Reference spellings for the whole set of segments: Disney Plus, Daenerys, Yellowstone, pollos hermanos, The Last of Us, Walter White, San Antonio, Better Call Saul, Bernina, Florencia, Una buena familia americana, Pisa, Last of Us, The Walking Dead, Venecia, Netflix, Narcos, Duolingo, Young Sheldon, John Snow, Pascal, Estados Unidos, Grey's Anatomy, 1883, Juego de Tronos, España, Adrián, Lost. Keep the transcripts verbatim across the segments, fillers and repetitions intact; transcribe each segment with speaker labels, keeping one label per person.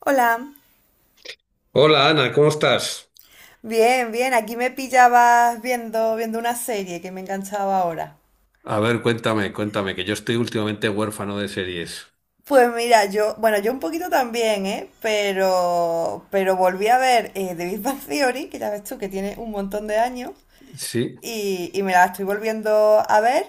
Speaker 1: Hola,
Speaker 2: Hola Ana, ¿cómo estás?
Speaker 1: bien, bien, aquí me pillabas viendo, viendo una serie que me enganchaba ahora.
Speaker 2: A ver, cuéntame, cuéntame, que yo estoy últimamente huérfano de series.
Speaker 1: Pues mira, yo, bueno, yo un poquito también, ¿eh? Pero, pero volví a ver eh, The Big Bang Theory, que ya ves tú que tiene un montón de años,
Speaker 2: Sí,
Speaker 1: y, y me la estoy volviendo a ver.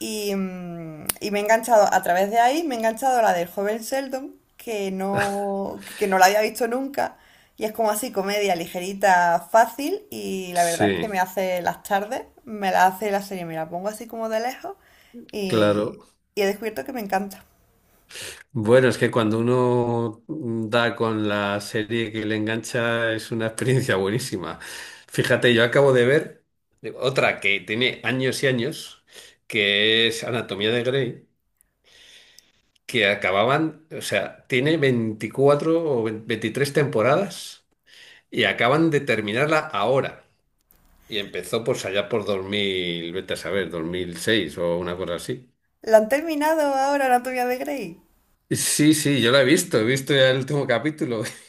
Speaker 1: Y, mm, y me he enganchado, a través de ahí, me he enganchado a la del joven Sheldon, que no, que no la había visto nunca. Y es como así, comedia ligerita, fácil. Y la verdad es que
Speaker 2: sí,
Speaker 1: me hace las tardes, me la hace la serie, me la pongo así como de lejos.
Speaker 2: claro.
Speaker 1: Y, y he descubierto que me encanta.
Speaker 2: Bueno, es que cuando uno da con la serie que le engancha es una experiencia buenísima. Fíjate, yo acabo de ver otra que tiene años y años, que es Anatomía de Grey, que acababan, o sea, tiene veinticuatro o veintitrés temporadas y acaban de terminarla ahora. Y empezó pues allá por dos mil vete a saber, dos mil seis o una cosa así.
Speaker 1: ¿La han terminado ahora, Anatomía de Grey?
Speaker 2: Sí, sí, yo la he visto, he visto ya el último capítulo.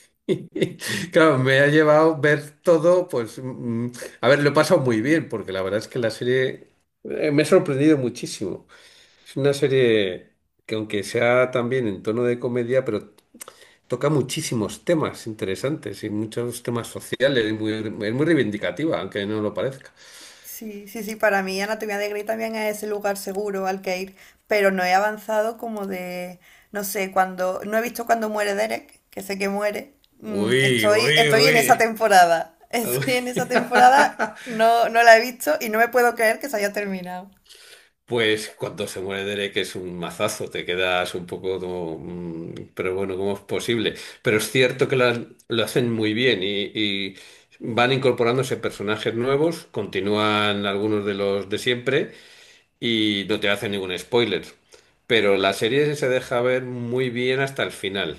Speaker 2: Claro, me ha llevado ver todo, pues, mm, mm, a ver, lo he pasado muy bien, porque la verdad es que la serie eh, me ha sorprendido muchísimo. Es una serie que aunque sea también en tono de comedia, pero toca muchísimos temas interesantes y muchos temas sociales, y muy- es muy reivindicativa, aunque no lo parezca.
Speaker 1: Sí, sí, sí, para mí Anatomía de Grey también es ese lugar seguro al que ir, pero no he avanzado como de, no sé, cuando, no he visto cuando muere Derek, que sé que muere, mm,
Speaker 2: Uy,
Speaker 1: estoy,
Speaker 2: uy,
Speaker 1: estoy en esa
Speaker 2: uy.
Speaker 1: temporada, estoy en esa temporada, no, no la he visto y no me puedo creer que se haya terminado.
Speaker 2: Pues cuando se muere Derek es un mazazo, te quedas un poco como... mm, Pero bueno, ¿cómo es posible? Pero es cierto que lo, han- lo hacen muy bien y, y van incorporándose personajes nuevos, continúan algunos de los de siempre y no te hacen ningún spoiler. Pero la serie se deja ver muy bien hasta el final.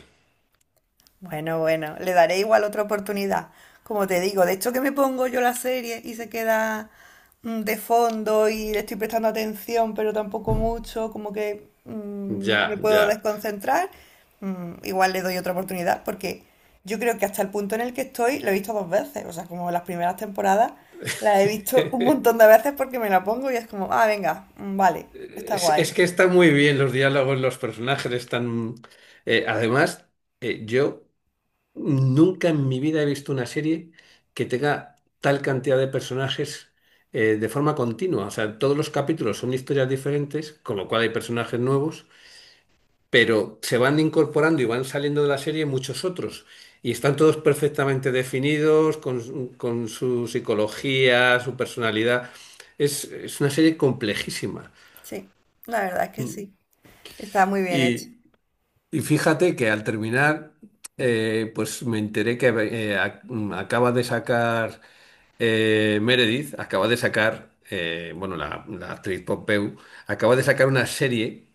Speaker 1: Bueno, bueno, le daré igual otra oportunidad. Como te digo, de hecho que me pongo yo la serie y se queda mm, de fondo y le estoy prestando atención, pero tampoco mucho, como que mm, me
Speaker 2: Ya,
Speaker 1: puedo
Speaker 2: ya.
Speaker 1: desconcentrar. Mm, igual le doy otra oportunidad porque yo creo que hasta el punto en el que estoy lo he visto dos veces, o sea, como las primeras temporadas las he visto un montón de veces porque me la pongo y es como, ah, venga, mm, vale, está
Speaker 2: Es, es
Speaker 1: guay.
Speaker 2: que están muy bien los diálogos, los personajes están... eh, además, eh, yo... Nunca en mi vida he visto una serie que tenga tal cantidad de personajes eh, de forma continua. O sea, todos los capítulos son historias diferentes, con lo cual hay personajes nuevos, pero se van incorporando y van saliendo de la serie muchos otros. Y están todos perfectamente definidos, con, su con su psicología, su personalidad. Es, es una serie complejísima.
Speaker 1: Sí, la verdad es que sí, está muy bien hecho.
Speaker 2: Y, y fíjate que al terminar, eh, pues me enteré que eh, ac- acaba de sacar... Eh, Meredith acaba de sacar, eh, bueno, la, la actriz Pop Behu, acaba de sacar una serie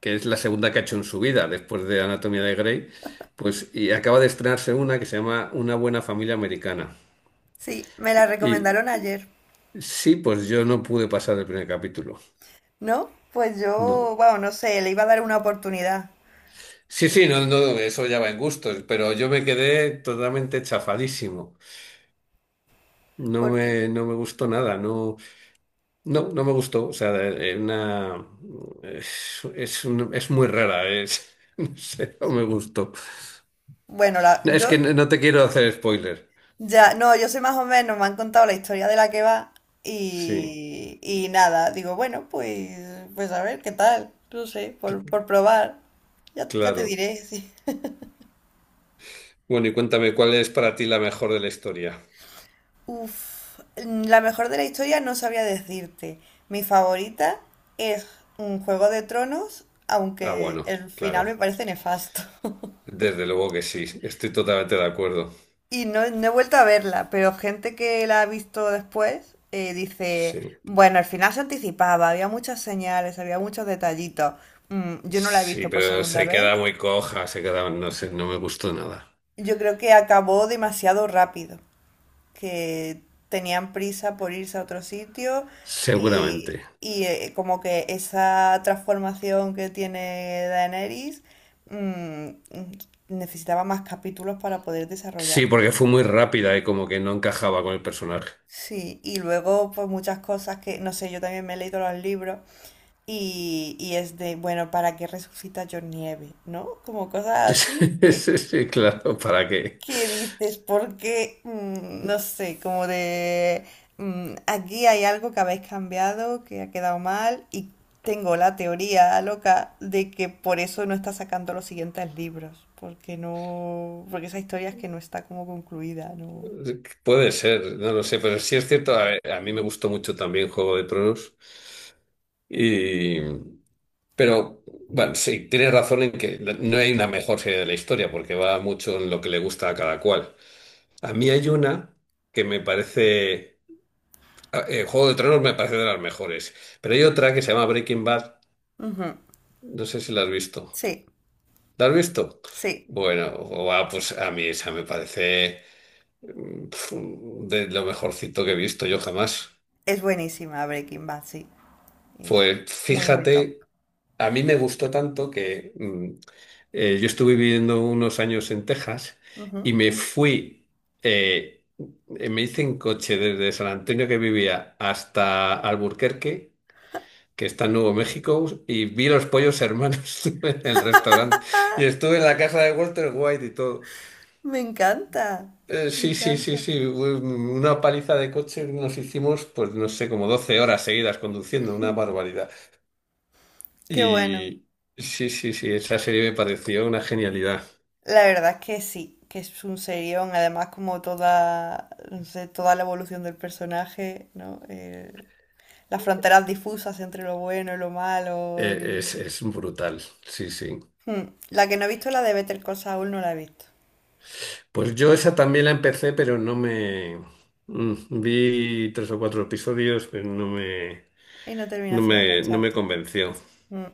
Speaker 2: que es la segunda que ha hecho en su vida después de Anatomía de Grey, pues y acaba de estrenarse una que se llama Una buena familia americana.
Speaker 1: Sí, me la
Speaker 2: Y
Speaker 1: recomendaron ayer.
Speaker 2: sí, pues yo no pude pasar el primer capítulo.
Speaker 1: ¿No? Pues yo,
Speaker 2: No.
Speaker 1: bueno, no sé, le iba a dar una oportunidad.
Speaker 2: Sí, sí, no, no, eso ya va en gustos, pero yo me quedé totalmente chafadísimo. No
Speaker 1: porque,
Speaker 2: me, no me gustó nada, no. No, no me gustó. O sea, eh, una... es, es un- es muy rara. Es... No sé, no me gustó.
Speaker 1: Bueno, la,
Speaker 2: No,
Speaker 1: yo,
Speaker 2: es que no no te quiero hacer spoiler.
Speaker 1: ya, no, yo sé más o menos, me han contado la historia de la que va
Speaker 2: Sí,
Speaker 1: y, y nada, digo, bueno, pues, pues a ver, ¿qué tal? No sé, por,
Speaker 2: cl-
Speaker 1: por probar. Ya, te- ya te
Speaker 2: claro.
Speaker 1: diré, sí.
Speaker 2: Bueno, y cuéntame, ¿cuál es para ti la mejor de la historia?
Speaker 1: Uf, la mejor de la historia no sabría decirte. Mi favorita es un Juego de Tronos,
Speaker 2: Ah,
Speaker 1: aunque
Speaker 2: bueno,
Speaker 1: el
Speaker 2: claro.
Speaker 1: final me parece nefasto.
Speaker 2: Desde luego que sí. Estoy totalmente de acuerdo.
Speaker 1: Y no, no he vuelto a verla, pero gente que la ha visto después eh, dice,
Speaker 2: Sí.
Speaker 1: bueno, al final se anticipaba, había muchas señales, había muchos detallitos. Mm, yo no la he
Speaker 2: Sí,
Speaker 1: visto por
Speaker 2: pero
Speaker 1: segunda
Speaker 2: se queda
Speaker 1: vez.
Speaker 2: muy coja, se queda, no sé, no me gustó nada.
Speaker 1: Yo creo que acabó demasiado rápido, que tenían prisa por irse a otro sitio
Speaker 2: Seguramente.
Speaker 1: y, y, eh, como que esa transformación que tiene Daenerys mm, mm, necesitaba más capítulos para poder desarrollar.
Speaker 2: Sí, porque fue muy rápida y como que no encajaba con el personaje.
Speaker 1: Sí, y luego pues muchas cosas que, no sé, yo también me he leído los libros y, y es de, bueno, ¿para qué resucita John Nieve? ¿No? Como cosas así
Speaker 2: Sí,
Speaker 1: que,
Speaker 2: sí, sí, claro, ¿para qué?
Speaker 1: que dices, porque, mm, no sé, como de, mm, aquí hay algo que habéis cambiado, que ha quedado mal y tengo la teoría loca de que por eso no está sacando los siguientes libros, porque no, porque esa historia es que no está como concluida, ¿no?
Speaker 2: Puede ser, no lo sé, pero sí es cierto, a, a mí me gustó mucho también Juego de Tronos y pero bueno, sí, tienes razón en que la- no hay una mejor serie de la historia porque va mucho en lo que le gusta a cada cual. A mí hay una que me parece a- eh, Juego de Tronos me parece de las mejores, pero hay otra que se llama Breaking Bad,
Speaker 1: Ujú,
Speaker 2: no sé si la has visto.
Speaker 1: sí,
Speaker 2: ¿La has visto?
Speaker 1: sí.
Speaker 2: Bueno, guau, pues a mí esa me parece pf, de lo mejorcito que he visto yo jamás.
Speaker 1: Es buenísima Breaking Bad, sí. Es
Speaker 2: Pues
Speaker 1: muy, muy top.
Speaker 2: fíjate, a mí me gustó tanto que mm, eh, yo estuve viviendo unos años en Texas y
Speaker 1: Ujú.
Speaker 2: me fui, eh, eh, me hice en coche desde San Antonio que vivía hasta Alburquerque, que está en Nuevo México, y vi los pollos hermanos en el restaurante. Y
Speaker 1: ¡Ah!
Speaker 2: estuve en la casa de Walter White y todo.
Speaker 1: Me encanta.
Speaker 2: Eh,
Speaker 1: Me
Speaker 2: sí, sí, sí,
Speaker 1: encanta.
Speaker 2: sí. Una paliza de coche nos hicimos, pues no sé, como doce horas seguidas conduciendo, una barbaridad.
Speaker 1: Qué bueno.
Speaker 2: Y sí, sí, sí, esa serie me pareció una genialidad.
Speaker 1: La verdad es que sí, que es un serión. Además, como toda, no sé, toda la evolución del personaje, ¿no? Eh, las fronteras difusas entre lo bueno y lo malo.
Speaker 2: Eh,
Speaker 1: y-
Speaker 2: es, es brutal, sí, sí.
Speaker 1: Hmm. La que no he visto, la de Better Call Saul, no la he visto.
Speaker 2: Pues yo esa también la empecé, pero no me... mm, vi tres o cuatro episodios, pero no me,
Speaker 1: Y no
Speaker 2: no
Speaker 1: terminaste de
Speaker 2: me, no me
Speaker 1: engancharte.
Speaker 2: convenció.
Speaker 1: Mm.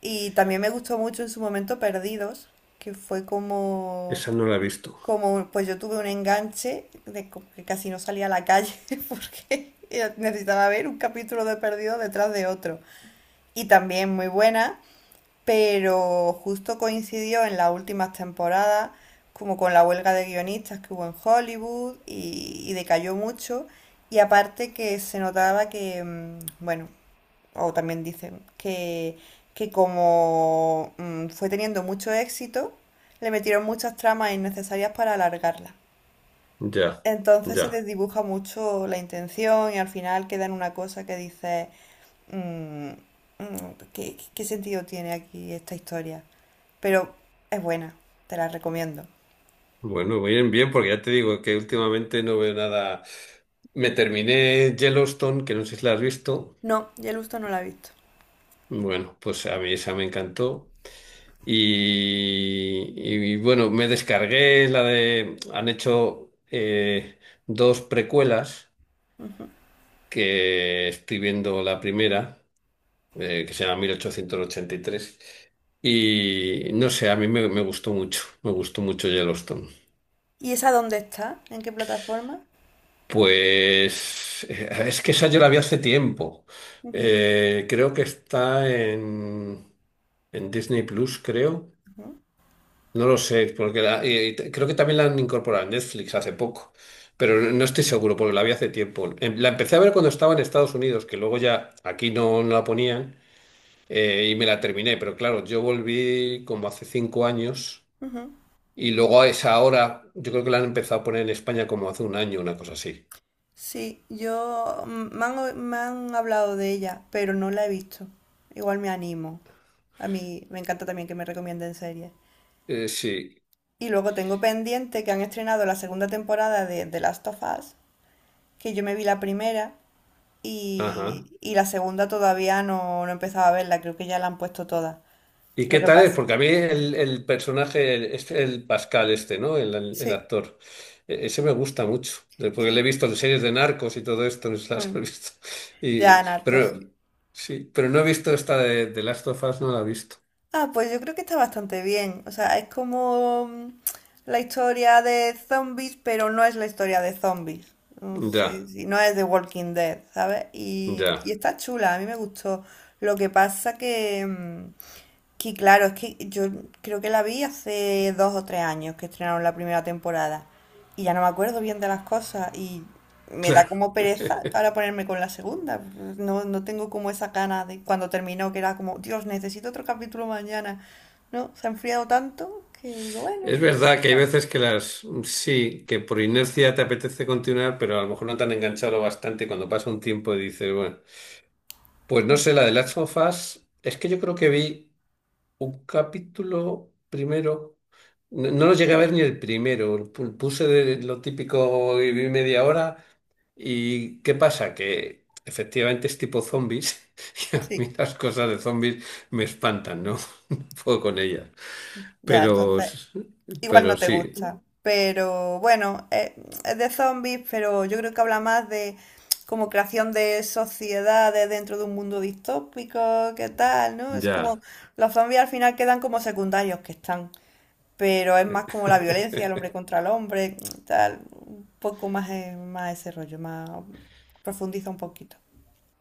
Speaker 1: Y también me gustó mucho en su momento Perdidos, que fue como
Speaker 2: Esa no la he visto.
Speaker 1: como pues yo tuve un enganche de co- que casi no salía a la calle porque necesitaba ver un capítulo de Perdido detrás de otro. Y también muy buena, pero justo coincidió en las últimas temporadas como con la huelga de guionistas que hubo en Hollywood y, y decayó mucho. Y aparte que se notaba que, mm, bueno, o también dicen que, que como mm, fue teniendo mucho éxito, le metieron muchas tramas innecesarias para alargarla.
Speaker 2: Ya,
Speaker 1: Entonces se
Speaker 2: ya.
Speaker 1: desdibuja mucho la intención y al final queda en una cosa que dice, mm, mm, ¿qué, qué sentido tiene aquí esta historia? Pero es buena, te la recomiendo.
Speaker 2: Bueno, bien, bien, porque ya te digo que últimamente no veo nada. Me terminé Yellowstone, que no sé si la has visto.
Speaker 1: No, Yellowstone no la he visto.
Speaker 2: Bueno, pues a mí esa me encantó. Y, y, bueno, me descargué la de... Han hecho eh, dos precuelas
Speaker 1: Ujú.
Speaker 2: que estoy viendo la primera, eh, que se llama mil ochocientos ochenta y tres. Y tres. Y no sé, a mí me, me gustó mucho, me gustó mucho Yellowstone.
Speaker 1: ¿Y esa dónde está? ¿En qué plataforma?
Speaker 2: Pues eh, es que esa yo la vi hace tiempo.
Speaker 1: Ujú,
Speaker 2: Eh, creo que está en, en Disney Plus, creo.
Speaker 1: ujú,
Speaker 2: No lo sé, porque la- y- y te- creo que también la han incorporado en Netflix hace poco, pero no no estoy seguro porque la vi hace tiempo. Em, la empecé a ver cuando estaba en Estados Unidos, que luego ya aquí no, no la ponían eh, y me la terminé, pero claro, yo volví como hace cinco años
Speaker 1: ujú.
Speaker 2: y luego a esa hora yo creo que la han empezado a poner en España como hace un año, una cosa así.
Speaker 1: Sí, yo mm, me han, o- me han hablado de ella, pero no la he visto. Igual me animo. A mí me encanta también que me recomienden series.
Speaker 2: Eh, sí,
Speaker 1: Y luego tengo pendiente que han estrenado la segunda temporada de The Last of Us, que yo me vi la primera
Speaker 2: ajá.
Speaker 1: y, y la segunda todavía no, no he empezado a verla, creo que ya la han puesto toda.
Speaker 2: ¿Y
Speaker 1: Lo
Speaker 2: qué
Speaker 1: que
Speaker 2: tal es?
Speaker 1: pasa.
Speaker 2: Porque a mí el, el personaje, el, este- el Pascal este, ¿no? El, el- el
Speaker 1: Sí,
Speaker 2: actor, e- ese me gusta mucho, de- porque le he
Speaker 1: sí.
Speaker 2: visto en series de narcos y todo esto, no sé si las he
Speaker 1: Mm,
Speaker 2: visto. Y,
Speaker 1: ya, Narcos,
Speaker 2: pero,
Speaker 1: sí.
Speaker 2: sí, pero no he visto esta de, de Last of Us, no la he visto.
Speaker 1: Ah, pues yo creo que está bastante bien. O sea, es como mm, la historia de zombies, pero no es la historia de zombies. No sé,
Speaker 2: Ya,
Speaker 1: si no es de Walking Dead, ¿sabes? Y,
Speaker 2: ya,
Speaker 1: y está chula, a mí me gustó. Lo que pasa que... mm, Que claro, es que yo creo que la vi hace dos o tres años que estrenaron la primera temporada y ya no me acuerdo bien de las cosas y me da
Speaker 2: claro.
Speaker 1: como pereza ahora ponerme con la segunda. No, no tengo como esa gana de cuando terminó que era como, Dios, necesito otro capítulo mañana. No, se ha enfriado tanto que digo, bueno,
Speaker 2: Es
Speaker 1: pues,
Speaker 2: verdad que hay
Speaker 1: a ver.
Speaker 2: veces que las, sí, que por inercia te apetece continuar, pero a lo mejor no te han enganchado bastante y cuando pasa un tiempo y dices, bueno, pues no sé, la de Last of Us, es que yo creo que vi... un capítulo primero. No, no lo llegué a ver ni el primero. Pu- Puse de lo típico y vi media hora. ¿Y qué pasa? Que efectivamente es tipo zombies. Y a mí
Speaker 1: Sí.
Speaker 2: las cosas de zombies me espantan, ¿no? No puedo con ellas.
Speaker 1: Ya,
Speaker 2: Pero,
Speaker 1: entonces
Speaker 2: s-
Speaker 1: igual
Speaker 2: pero
Speaker 1: no te
Speaker 2: sí,
Speaker 1: gusta, pero bueno, eh, es de zombies, pero yo creo que habla más de como creación de sociedades dentro de un mundo distópico, qué tal, ¿no? Es
Speaker 2: ya.
Speaker 1: como los zombies al final quedan como secundarios que están, pero es
Speaker 2: Eh,
Speaker 1: más como la violencia, el hombre contra el hombre, tal, un poco más, eh, más ese rollo, más profundiza un poquito.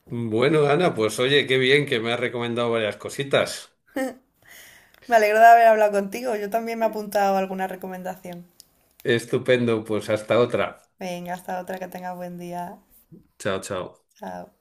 Speaker 2: Bueno, Ana, pues oye, qué bien que me has recomendado varias cositas.
Speaker 1: Me alegro de haber hablado contigo, yo también me he apuntado alguna recomendación.
Speaker 2: Estupendo, pues hasta otra.
Speaker 1: Venga, hasta otra, que tengas buen día.
Speaker 2: Chao, chao.
Speaker 1: Chao.